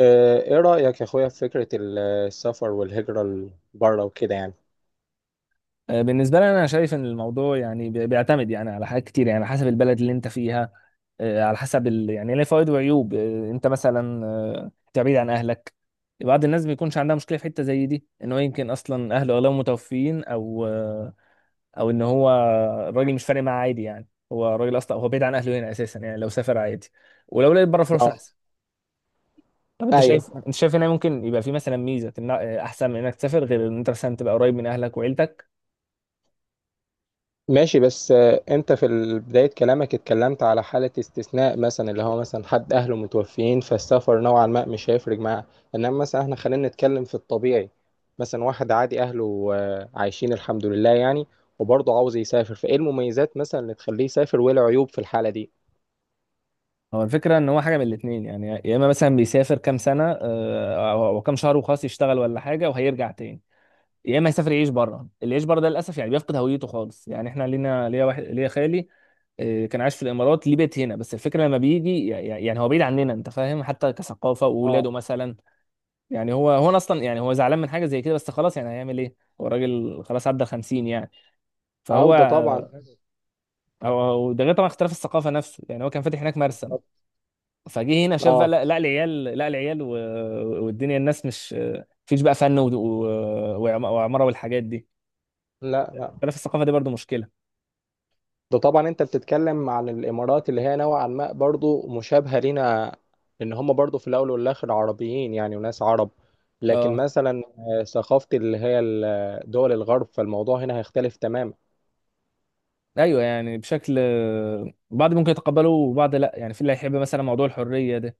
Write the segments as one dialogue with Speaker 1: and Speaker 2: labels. Speaker 1: ايه رأيك يا اخويا في فكرة السفر والهجرة لبره وكده يعني؟
Speaker 2: بالنسبة لي، أنا شايف إن الموضوع يعني بيعتمد يعني على حاجات كتير، يعني على حسب البلد اللي أنت فيها. على حسب يعني ليه فوائد وعيوب. أنت مثلا أنت بعيد عن أهلك. بعض الناس بيكونش عندها مشكلة في حتة زي دي، إن هو يمكن أصلا أهله أغلبهم متوفيين، أو إن هو الراجل مش فارق معاه عادي، يعني هو الراجل أصلا هو بعيد عن أهله هنا أساسا، يعني لو سافر عادي ولو لقيت بره فرص
Speaker 1: اه،
Speaker 2: أحسن. طب
Speaker 1: ايوه،
Speaker 2: أنت شايف هنا ممكن يبقى في مثلا ميزة، أحسن من إنك تسافر، غير إن أنت مثلا تبقى قريب من أهلك وعيلتك؟
Speaker 1: ماشي. بس انت في بداية كلامك اتكلمت على حالة استثناء مثلا، اللي هو مثلا حد اهله متوفيين فالسفر نوعا ما مش هيفرق معاه. انما مثلا احنا خلينا نتكلم في الطبيعي. مثلا واحد عادي اهله عايشين الحمد لله يعني، وبرضه عاوز يسافر، فايه المميزات مثلا اللي تخليه يسافر وايه العيوب في الحالة دي؟
Speaker 2: هو الفكرة ان هو حاجة من الاتنين، يعني يا اما مثلا بيسافر كام سنة آه، او أو كام شهر وخلاص، يشتغل ولا حاجة وهيرجع تاني. يا اما يسافر يعيش بره. اللي يعيش بره ده للاسف يعني بيفقد هويته خالص. يعني احنا ليا واحد، ليا خالي، كان عايش في الامارات، ليه بيت هنا، بس الفكرة لما بيجي يعني هو بعيد عننا، انت فاهم، حتى كثقافة،
Speaker 1: اه،
Speaker 2: واولاده مثلا. يعني هو أنا اصلا، يعني هو زعلان من حاجة زي كده، بس خلاص يعني هيعمل ايه؟ هو راجل خلاص، عدى 50 يعني. فهو
Speaker 1: عودة طبعا.
Speaker 2: هو ده غير طبعا اختلاف الثقافة نفسه. يعني هو كان فاتح هناك مرسم، فجه هنا شاف بقى،
Speaker 1: اه.
Speaker 2: لا لا العيال، لا العيال والدنيا الناس مش، مفيش بقى فن وعمارة والحاجات دي.
Speaker 1: لا، لا.
Speaker 2: اختلاف الثقافة دي برضو مشكلة.
Speaker 1: ده طبعا انت بتتكلم عن الامارات اللي هي نوعا ما برضو مشابهه لينا، ان هم برضو في الاول والاخر عربيين يعني وناس عرب. لكن
Speaker 2: اه.
Speaker 1: مثلا ثقافه اللي هي دول الغرب، فالموضوع هنا هيختلف تماما.
Speaker 2: ايوه، يعني بشكل، بعض ممكن يتقبله وبعض لا، يعني في اللي هيحب مثلا موضوع الحرية ده،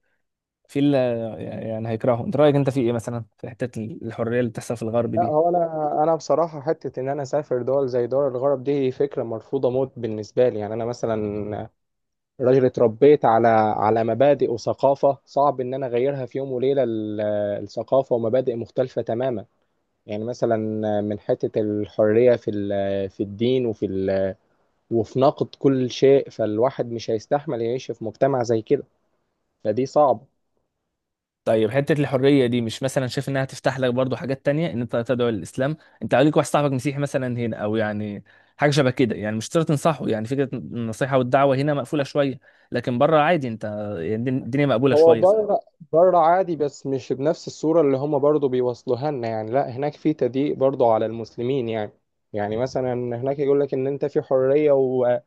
Speaker 2: في اللي يعني هيكرهه. انت رأيك انت في ايه مثلا في حتة الحرية اللي بتحصل في الغرب
Speaker 1: لا،
Speaker 2: دي؟
Speaker 1: هو انا، بصراحه حته ان انا اسافر دول زي دول الغرب دي فكره مرفوضه موت بالنسبه لي يعني. انا مثلا راجل اتربيت على مبادئ وثقافه، صعب ان انا اغيرها في يوم وليله. الثقافه ومبادئ مختلفه تماما. يعني مثلا من حتة الحرية في الدين وفي نقد كل شيء، فالواحد مش هيستحمل يعيش في مجتمع زي كده. فدي صعبة.
Speaker 2: طيب، حتة الحرية دي مش مثلا شايف انها تفتح لك برضو حاجات تانية، ان انت تدعو للاسلام؟ انت عليك واحد صاحبك مسيحي مثلا هنا، او يعني حاجة شبه كده، يعني مش شرط تنصحه، يعني فكرة النصيحة والدعوة هنا مقفولة شوية. لكن بره عادي انت، يعني الدنيا مقبولة
Speaker 1: هو
Speaker 2: شوية فعلا.
Speaker 1: بره بره عادي، بس مش بنفس الصورة اللي هما برضو بيوصلوها لنا يعني. لا، هناك في تضييق برضو على المسلمين يعني. يعني مثلا هناك يقول لك ان انت في حرية، و...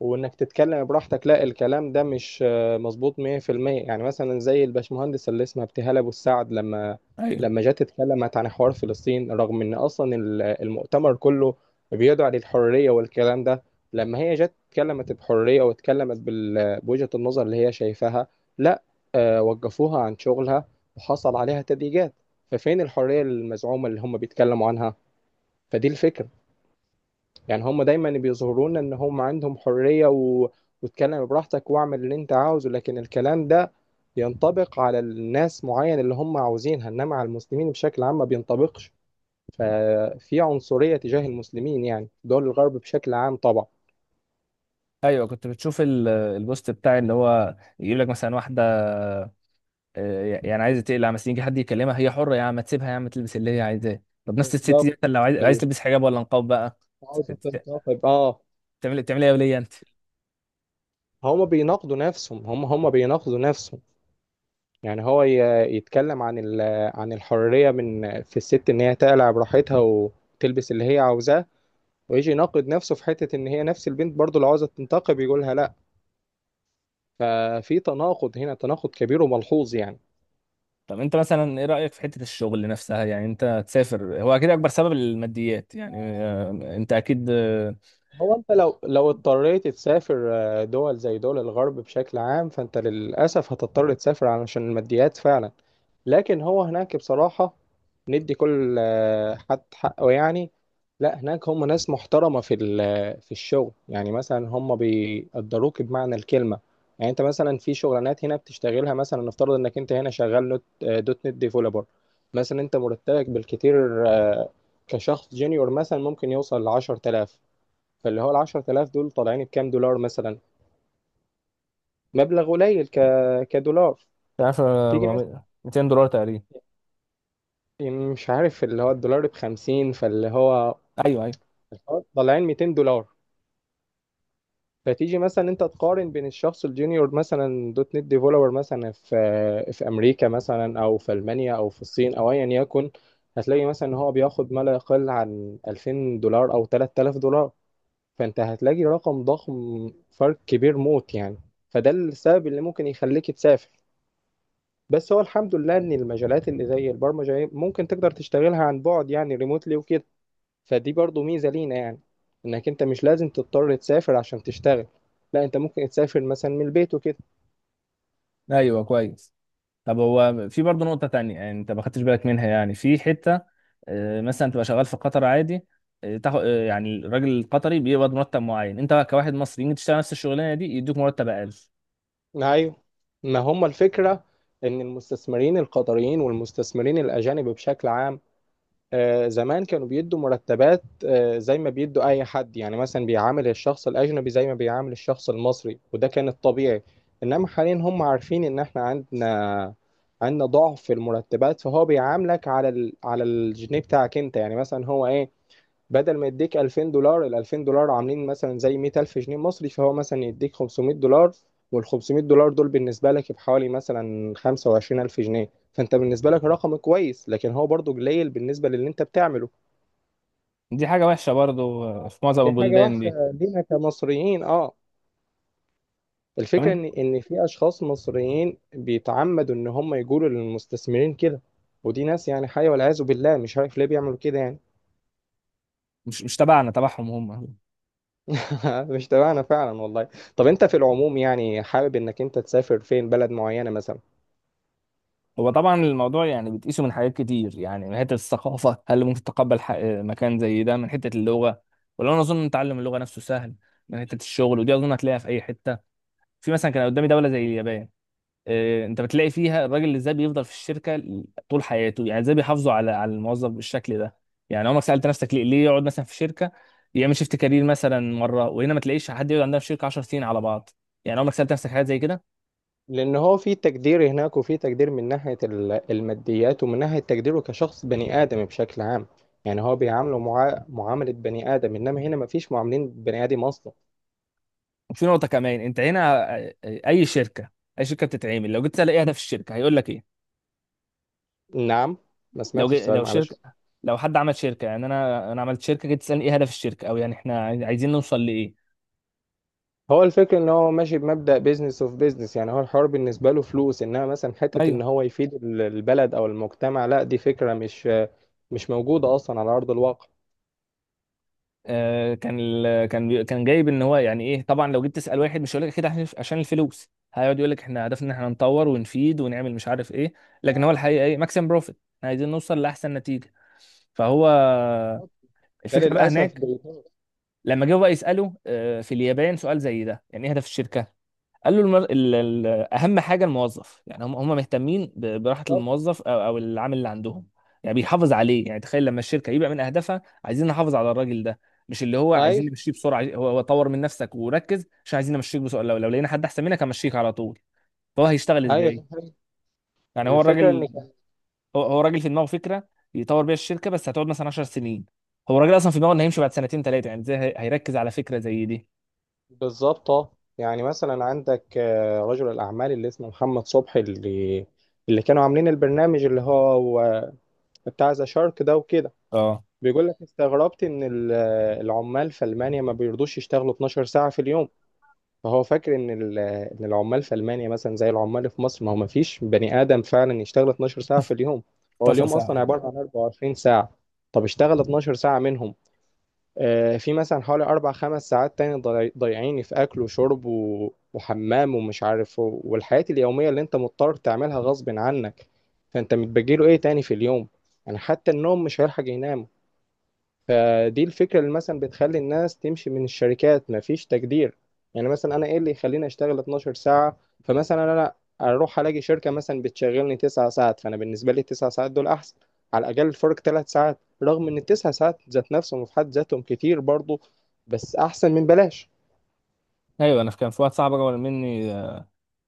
Speaker 1: وانك تتكلم براحتك. لا، الكلام ده مش مظبوط 100%، يعني مثلا زي الباشمهندس اللي اسمها ابتهال ابو السعد، لما
Speaker 2: ايوه،
Speaker 1: لما جت اتكلمت عن حوار فلسطين، رغم ان اصلا المؤتمر كله بيدعى للحريه والكلام ده. لما هي جت اتكلمت بحريه واتكلمت بوجهه النظر اللي هي شايفاها، لا. وقفوها عن شغلها، وحصل عليها تضييقات. ففين الحريه المزعومه اللي هم بيتكلموا عنها؟ فدي الفكره يعني. هم دايما بيظهروا لنا ان هم عندهم حرية، و... واتكلم براحتك واعمل اللي انت عاوزه، لكن الكلام ده ينطبق على الناس معين اللي هم عاوزينها، انما على المسلمين بشكل عام ما بينطبقش. ففي عنصرية تجاه المسلمين يعني، دول الغرب بشكل عام طبعا.
Speaker 2: ايوه. كنت بتشوف البوست بتاع اللي هو يقول لك مثلا واحدة، يعني عايزة تقلع مثلا، يجي حد يكلمها هي حرة يا عم، ما تسيبها يا عم تلبس اللي هي عايزاه. طب نفس الست
Speaker 1: بالظبط.
Speaker 2: دي مثلا لو عايز
Speaker 1: فال-
Speaker 2: تلبس حجاب ولا نقاب بقى،
Speaker 1: عاوز
Speaker 2: بت- بت-
Speaker 1: تنتقد، اه.
Speaker 2: بتعمل ايه يا ولية انت؟
Speaker 1: هم بيناقضوا نفسهم، هم بيناقضوا نفسهم يعني. هو يتكلم عن الحرية من في الست ان هي تقلع براحتها وتلبس اللي هي عاوزاه، ويجي يناقض نفسه في حتة ان هي نفس البنت برضه لو عاوزة تنتقم يقولها لا. ففي تناقض هنا، تناقض كبير وملحوظ يعني.
Speaker 2: طب انت مثلا ايه رأيك في حتة الشغل نفسها؟ يعني انت تسافر، هو اكيد اكبر سبب الماديات يعني. انت اكيد.
Speaker 1: هو انت لو اضطريت تسافر دول زي دول الغرب بشكل عام، فانت للاسف هتضطر تسافر علشان الماديات فعلا. لكن هو هناك بصراحة ندي كل حد حقه يعني. لا، هناك هم ناس محترمة في الشغل يعني، مثلا هم بيقدروك بمعنى الكلمة. يعني انت مثلا في شغلانات هنا بتشتغلها، مثلا نفترض انك انت هنا شغال دوت نت ديفلوبر مثلا. انت مرتبك بالكتير كشخص جونيور مثلا ممكن يوصل ل 10000. فاللي هو ال 10000 دول طالعين بكام دولار؟ مثلا مبلغ قليل ك... كدولار.
Speaker 2: مش عارف،
Speaker 1: تيجي مثلا،
Speaker 2: 400، 200 دولار تقريبا.
Speaker 1: مش عارف اللي هو الدولار ب 50، فاللي هو
Speaker 2: ايوه، ايوه.
Speaker 1: طالعين 200 دولار. فتيجي مثلا انت تقارن بين الشخص الجونيور، مثلا دوت نت ديفلوبر مثلا في امريكا مثلا، او في المانيا، او في الصين، او ايا يكن. هتلاقي مثلا ان هو بياخد ما لا يقل عن 2000 دولار او 3000 دولار، فانت هتلاقي رقم ضخم، فرق كبير موت يعني. فده السبب اللي ممكن يخليك تسافر. بس هو الحمد لله ان المجالات اللي زي البرمجه ممكن تقدر تشتغلها عن بعد يعني ريموتلي وكده، فدي برضو ميزه لينا يعني، انك انت مش لازم تضطر تسافر عشان تشتغل. لا، انت ممكن تسافر مثلا من البيت وكده.
Speaker 2: ايوه، كويس. طب هو في برضه نقطة تانية، يعني انت ما خدتش بالك منها، يعني في حتة مثلا تبقى شغال في قطر عادي، تاخد، يعني الراجل القطري بيقبض مرتب معين، انت كواحد مصري يجي تشتغل نفس الشغلانة دي يدوك مرتب اقل.
Speaker 1: ايوه، ما هم الفكره ان المستثمرين القطريين والمستثمرين الاجانب بشكل عام زمان كانوا بيدوا مرتبات زي ما بيدوا اي حد يعني، مثلا بيعامل الشخص الاجنبي زي ما بيعامل الشخص المصري، وده كان الطبيعي. انما حاليا هم عارفين ان احنا عندنا ضعف في المرتبات، فهو بيعاملك على الجنيه بتاعك انت يعني. مثلا هو ايه؟ بدل ما يديك 2000 دولار، ال 2000 دولار عاملين مثلا زي 100000 جنيه مصري، فهو مثلا يديك 500 دولار. وال 500 دولار دول بالنسبة لك بحوالي مثلا 25000 جنيه، فأنت بالنسبة لك رقم كويس، لكن هو برضو قليل بالنسبة للي أنت بتعمله.
Speaker 2: دي حاجة وحشة برضه، في معظم
Speaker 1: دي حاجة
Speaker 2: البلدان
Speaker 1: وحشة
Speaker 2: دي.
Speaker 1: لينا كمصريين، أه.
Speaker 2: طب
Speaker 1: الفكرة
Speaker 2: انت،
Speaker 1: إن في أشخاص مصريين بيتعمدوا إن هم يقولوا للمستثمرين كده. ودي ناس يعني، حي والعياذ بالله، مش عارف ليه بيعملوا كده يعني.
Speaker 2: مش تبعنا، تبعهم هم.
Speaker 1: مش تبعنا فعلا والله. طب انت في العموم يعني حابب انك انت تسافر فين، بلد معينة مثلا؟
Speaker 2: هو طبعا الموضوع يعني بتقيسه من حاجات كتير، يعني من حته الثقافه، هل ممكن تتقبل مكان زي ده، من حته اللغه، ولا انا اظن تعلم اللغه نفسه سهل، من حته الشغل، ودي اظن هتلاقيها في اي حته. في مثلا كان قدامي دوله زي اليابان. انت بتلاقي فيها الراجل، اللي ازاي بيفضل في الشركه طول حياته. يعني ازاي بيحافظوا على الموظف بالشكل ده. يعني عمرك سالت نفسك، ليه ليه يقعد مثلا في شركه، يعمل شيفت كارير مثلا مره؟ وهنا ما تلاقيش حد يقعد عندنا في شركه 10 سنين على بعض. يعني عمرك سالت نفسك حاجات زي كده؟
Speaker 1: لان هو في تقدير هناك، وفي تقدير من ناحية الماديات، ومن ناحية تقديره كشخص بني آدم بشكل عام. يعني هو بيعامله معاملة بني آدم، انما هنا مفيش معاملين بني آدم اصلا.
Speaker 2: وفي نقطه كمان انت هنا، اي شركه اي شركه بتتعمل لو جيت تسال ايه هدف الشركه، هيقول لك ايه؟
Speaker 1: نعم، ما
Speaker 2: لو
Speaker 1: سمعتش
Speaker 2: جي...
Speaker 1: السؤال،
Speaker 2: لو شركه
Speaker 1: معلش.
Speaker 2: لو حد عمل شركه، يعني انا عملت شركه، جيت تسالني ايه هدف الشركه، او يعني احنا عايزين نوصل لايه؟
Speaker 1: هو الفكرة ان هو ماشي بمبدأ بيزنس اوف بيزنس يعني، هو الحوار بالنسبة له فلوس، انما مثلا حتة ان
Speaker 2: ايوه.
Speaker 1: هو يفيد البلد او المجتمع، لا دي فكرة مش موجودة اصلا على ارض الواقع.
Speaker 2: آه، كان ال... كان بي- كان جايب ان هو يعني ايه. طبعا لو جيت تسال واحد مش هيقول لك كده، عشان الفلوس. هيقعد يقول لك احنا هدفنا ان احنا نطور ونفيد ونعمل مش عارف ايه. لكن هو الحقيقه ايه؟ ماكسيم بروفيت. احنا عايزين نوصل لاحسن نتيجه. فهو
Speaker 1: ده
Speaker 2: الفكره بقى
Speaker 1: للأسف.
Speaker 2: هناك، لما جه بقى يساله في اليابان سؤال زي ده، يعني ايه هدف الشركه، قال له اهم حاجه الموظف. يعني هم مهتمين براحه
Speaker 1: بالظبط.
Speaker 2: الموظف او العامل اللي عندهم. يعني بيحافظ عليه. يعني تخيل لما الشركه يبقى من اهدافها عايزين نحافظ على الراجل ده، مش اللي هو عايزين
Speaker 1: أيوه،
Speaker 2: نمشيه بسرعه. عايز- هو هو طور من نفسك وركز عشان عايزين نمشيك بسرعه، لو لقينا حد احسن منك همشيك على طول. فهو هيشتغل
Speaker 1: أيوه، دي
Speaker 2: ازاي؟
Speaker 1: حقيقة.
Speaker 2: يعني هو
Speaker 1: الفكرة إن
Speaker 2: الراجل،
Speaker 1: كان،
Speaker 2: هو الراجل في دماغه فكره يطور بيها الشركه، بس هتقعد مثلا 10 سنين. هو الراجل اصلا في دماغه انه هيمشي بعد سنتين ثلاثه، يعني ازاي هيركز على فكره زي دي؟
Speaker 1: بالظبط. آه. يعني مثلا عندك رجل الأعمال اللي اسمه محمد صبحي، اللي كانوا عاملين البرنامج اللي هو بتاع ذا شارك ده وكده.
Speaker 2: اه،
Speaker 1: بيقول لك استغربت إن العمال في ألمانيا ما بيرضوش يشتغلوا 12 ساعة في اليوم. فهو فاكر إن ال- آه، إن العمال في ألمانيا مثلا زي العمال في مصر، ما هو ما فيش بني آدم فعلا يشتغل 12 ساعة في اليوم. هو اليوم
Speaker 2: 16 ساعه
Speaker 1: أصلا
Speaker 2: يعني.
Speaker 1: عبارة عن 24 ساعة، طب اشتغل 12 ساعة منهم. في مثلا حوالي أربع خمس ساعات تاني ضايعيني في أكل وشرب و- وحمام ومش عارف و- والحياة اليومية اللي أنت مضطر تعملها غصب عنك. فأنت متبجيله إيه تاني في اليوم؟ يعني حتى النوم مش هيلحق ينام. فدي الفكرة اللي مثلا بتخلي الناس تمشي من الشركات، مفيش تقدير. يعني مثلا أنا إيه اللي يخليني أشتغل 12 ساعة؟ فمثلا أنا أروح ألاقي شركة مثلا بتشغلني 9 ساعات، فأنا بالنسبة لي 9 ساعات دول أحسن. على الأقل فرق 3 ساعات، رغم إن التسع ساعات ذات نفسهم في حد ذاتهم كتير برضه، بس أحسن من بلاش.
Speaker 2: ايوه، انا كان في واحد صاحبي اكبر مني،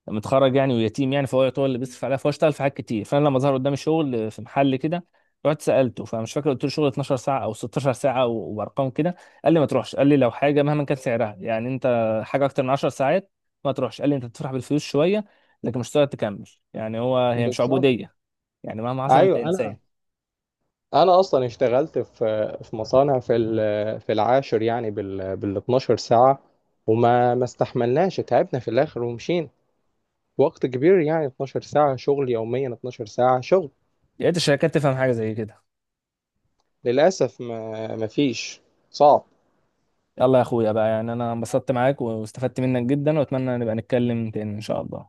Speaker 2: متخرج يعني ويتيم يعني، فهو يعتبر اللي بيصرف عليها، فهو اشتغل في حاجات كتير. فانا لما ظهر قدامي شغل في محل كده، رحت سالته، فمش فاكر، قلت له شغل 12 ساعه او 16 ساعه وارقام كده. قال لي ما تروحش. قال لي لو حاجه مهما كان سعرها، يعني انت حاجه اكتر من 10 ساعات ما تروحش. قال لي انت تفرح بالفلوس شويه، لكن مش هتقدر تكمل، يعني هي مش
Speaker 1: بالظبط.
Speaker 2: عبوديه. يعني مهما حصل انت
Speaker 1: أيوه، أنا
Speaker 2: انسان.
Speaker 1: أنا أصلا اشتغلت في مصانع في العاشر يعني، بال 12 ساعة. وما ما استحملناش، تعبنا في الآخر ومشينا. وقت كبير يعني، 12 ساعة شغل يوميا، 12 ساعة شغل.
Speaker 2: يا ريت الشركات تفهم حاجه زي كده.
Speaker 1: للأسف ما فيش، صعب.
Speaker 2: يلا يا اخويا بقى، يعني انا انبسطت معاك واستفدت منك جدا، واتمنى نبقى نتكلم تاني ان شاء الله.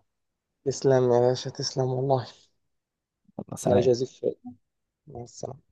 Speaker 1: تسلم يا باشا، تسلم والله.
Speaker 2: الله
Speaker 1: الله
Speaker 2: سلام.
Speaker 1: يجازيك خير، مع السلامة.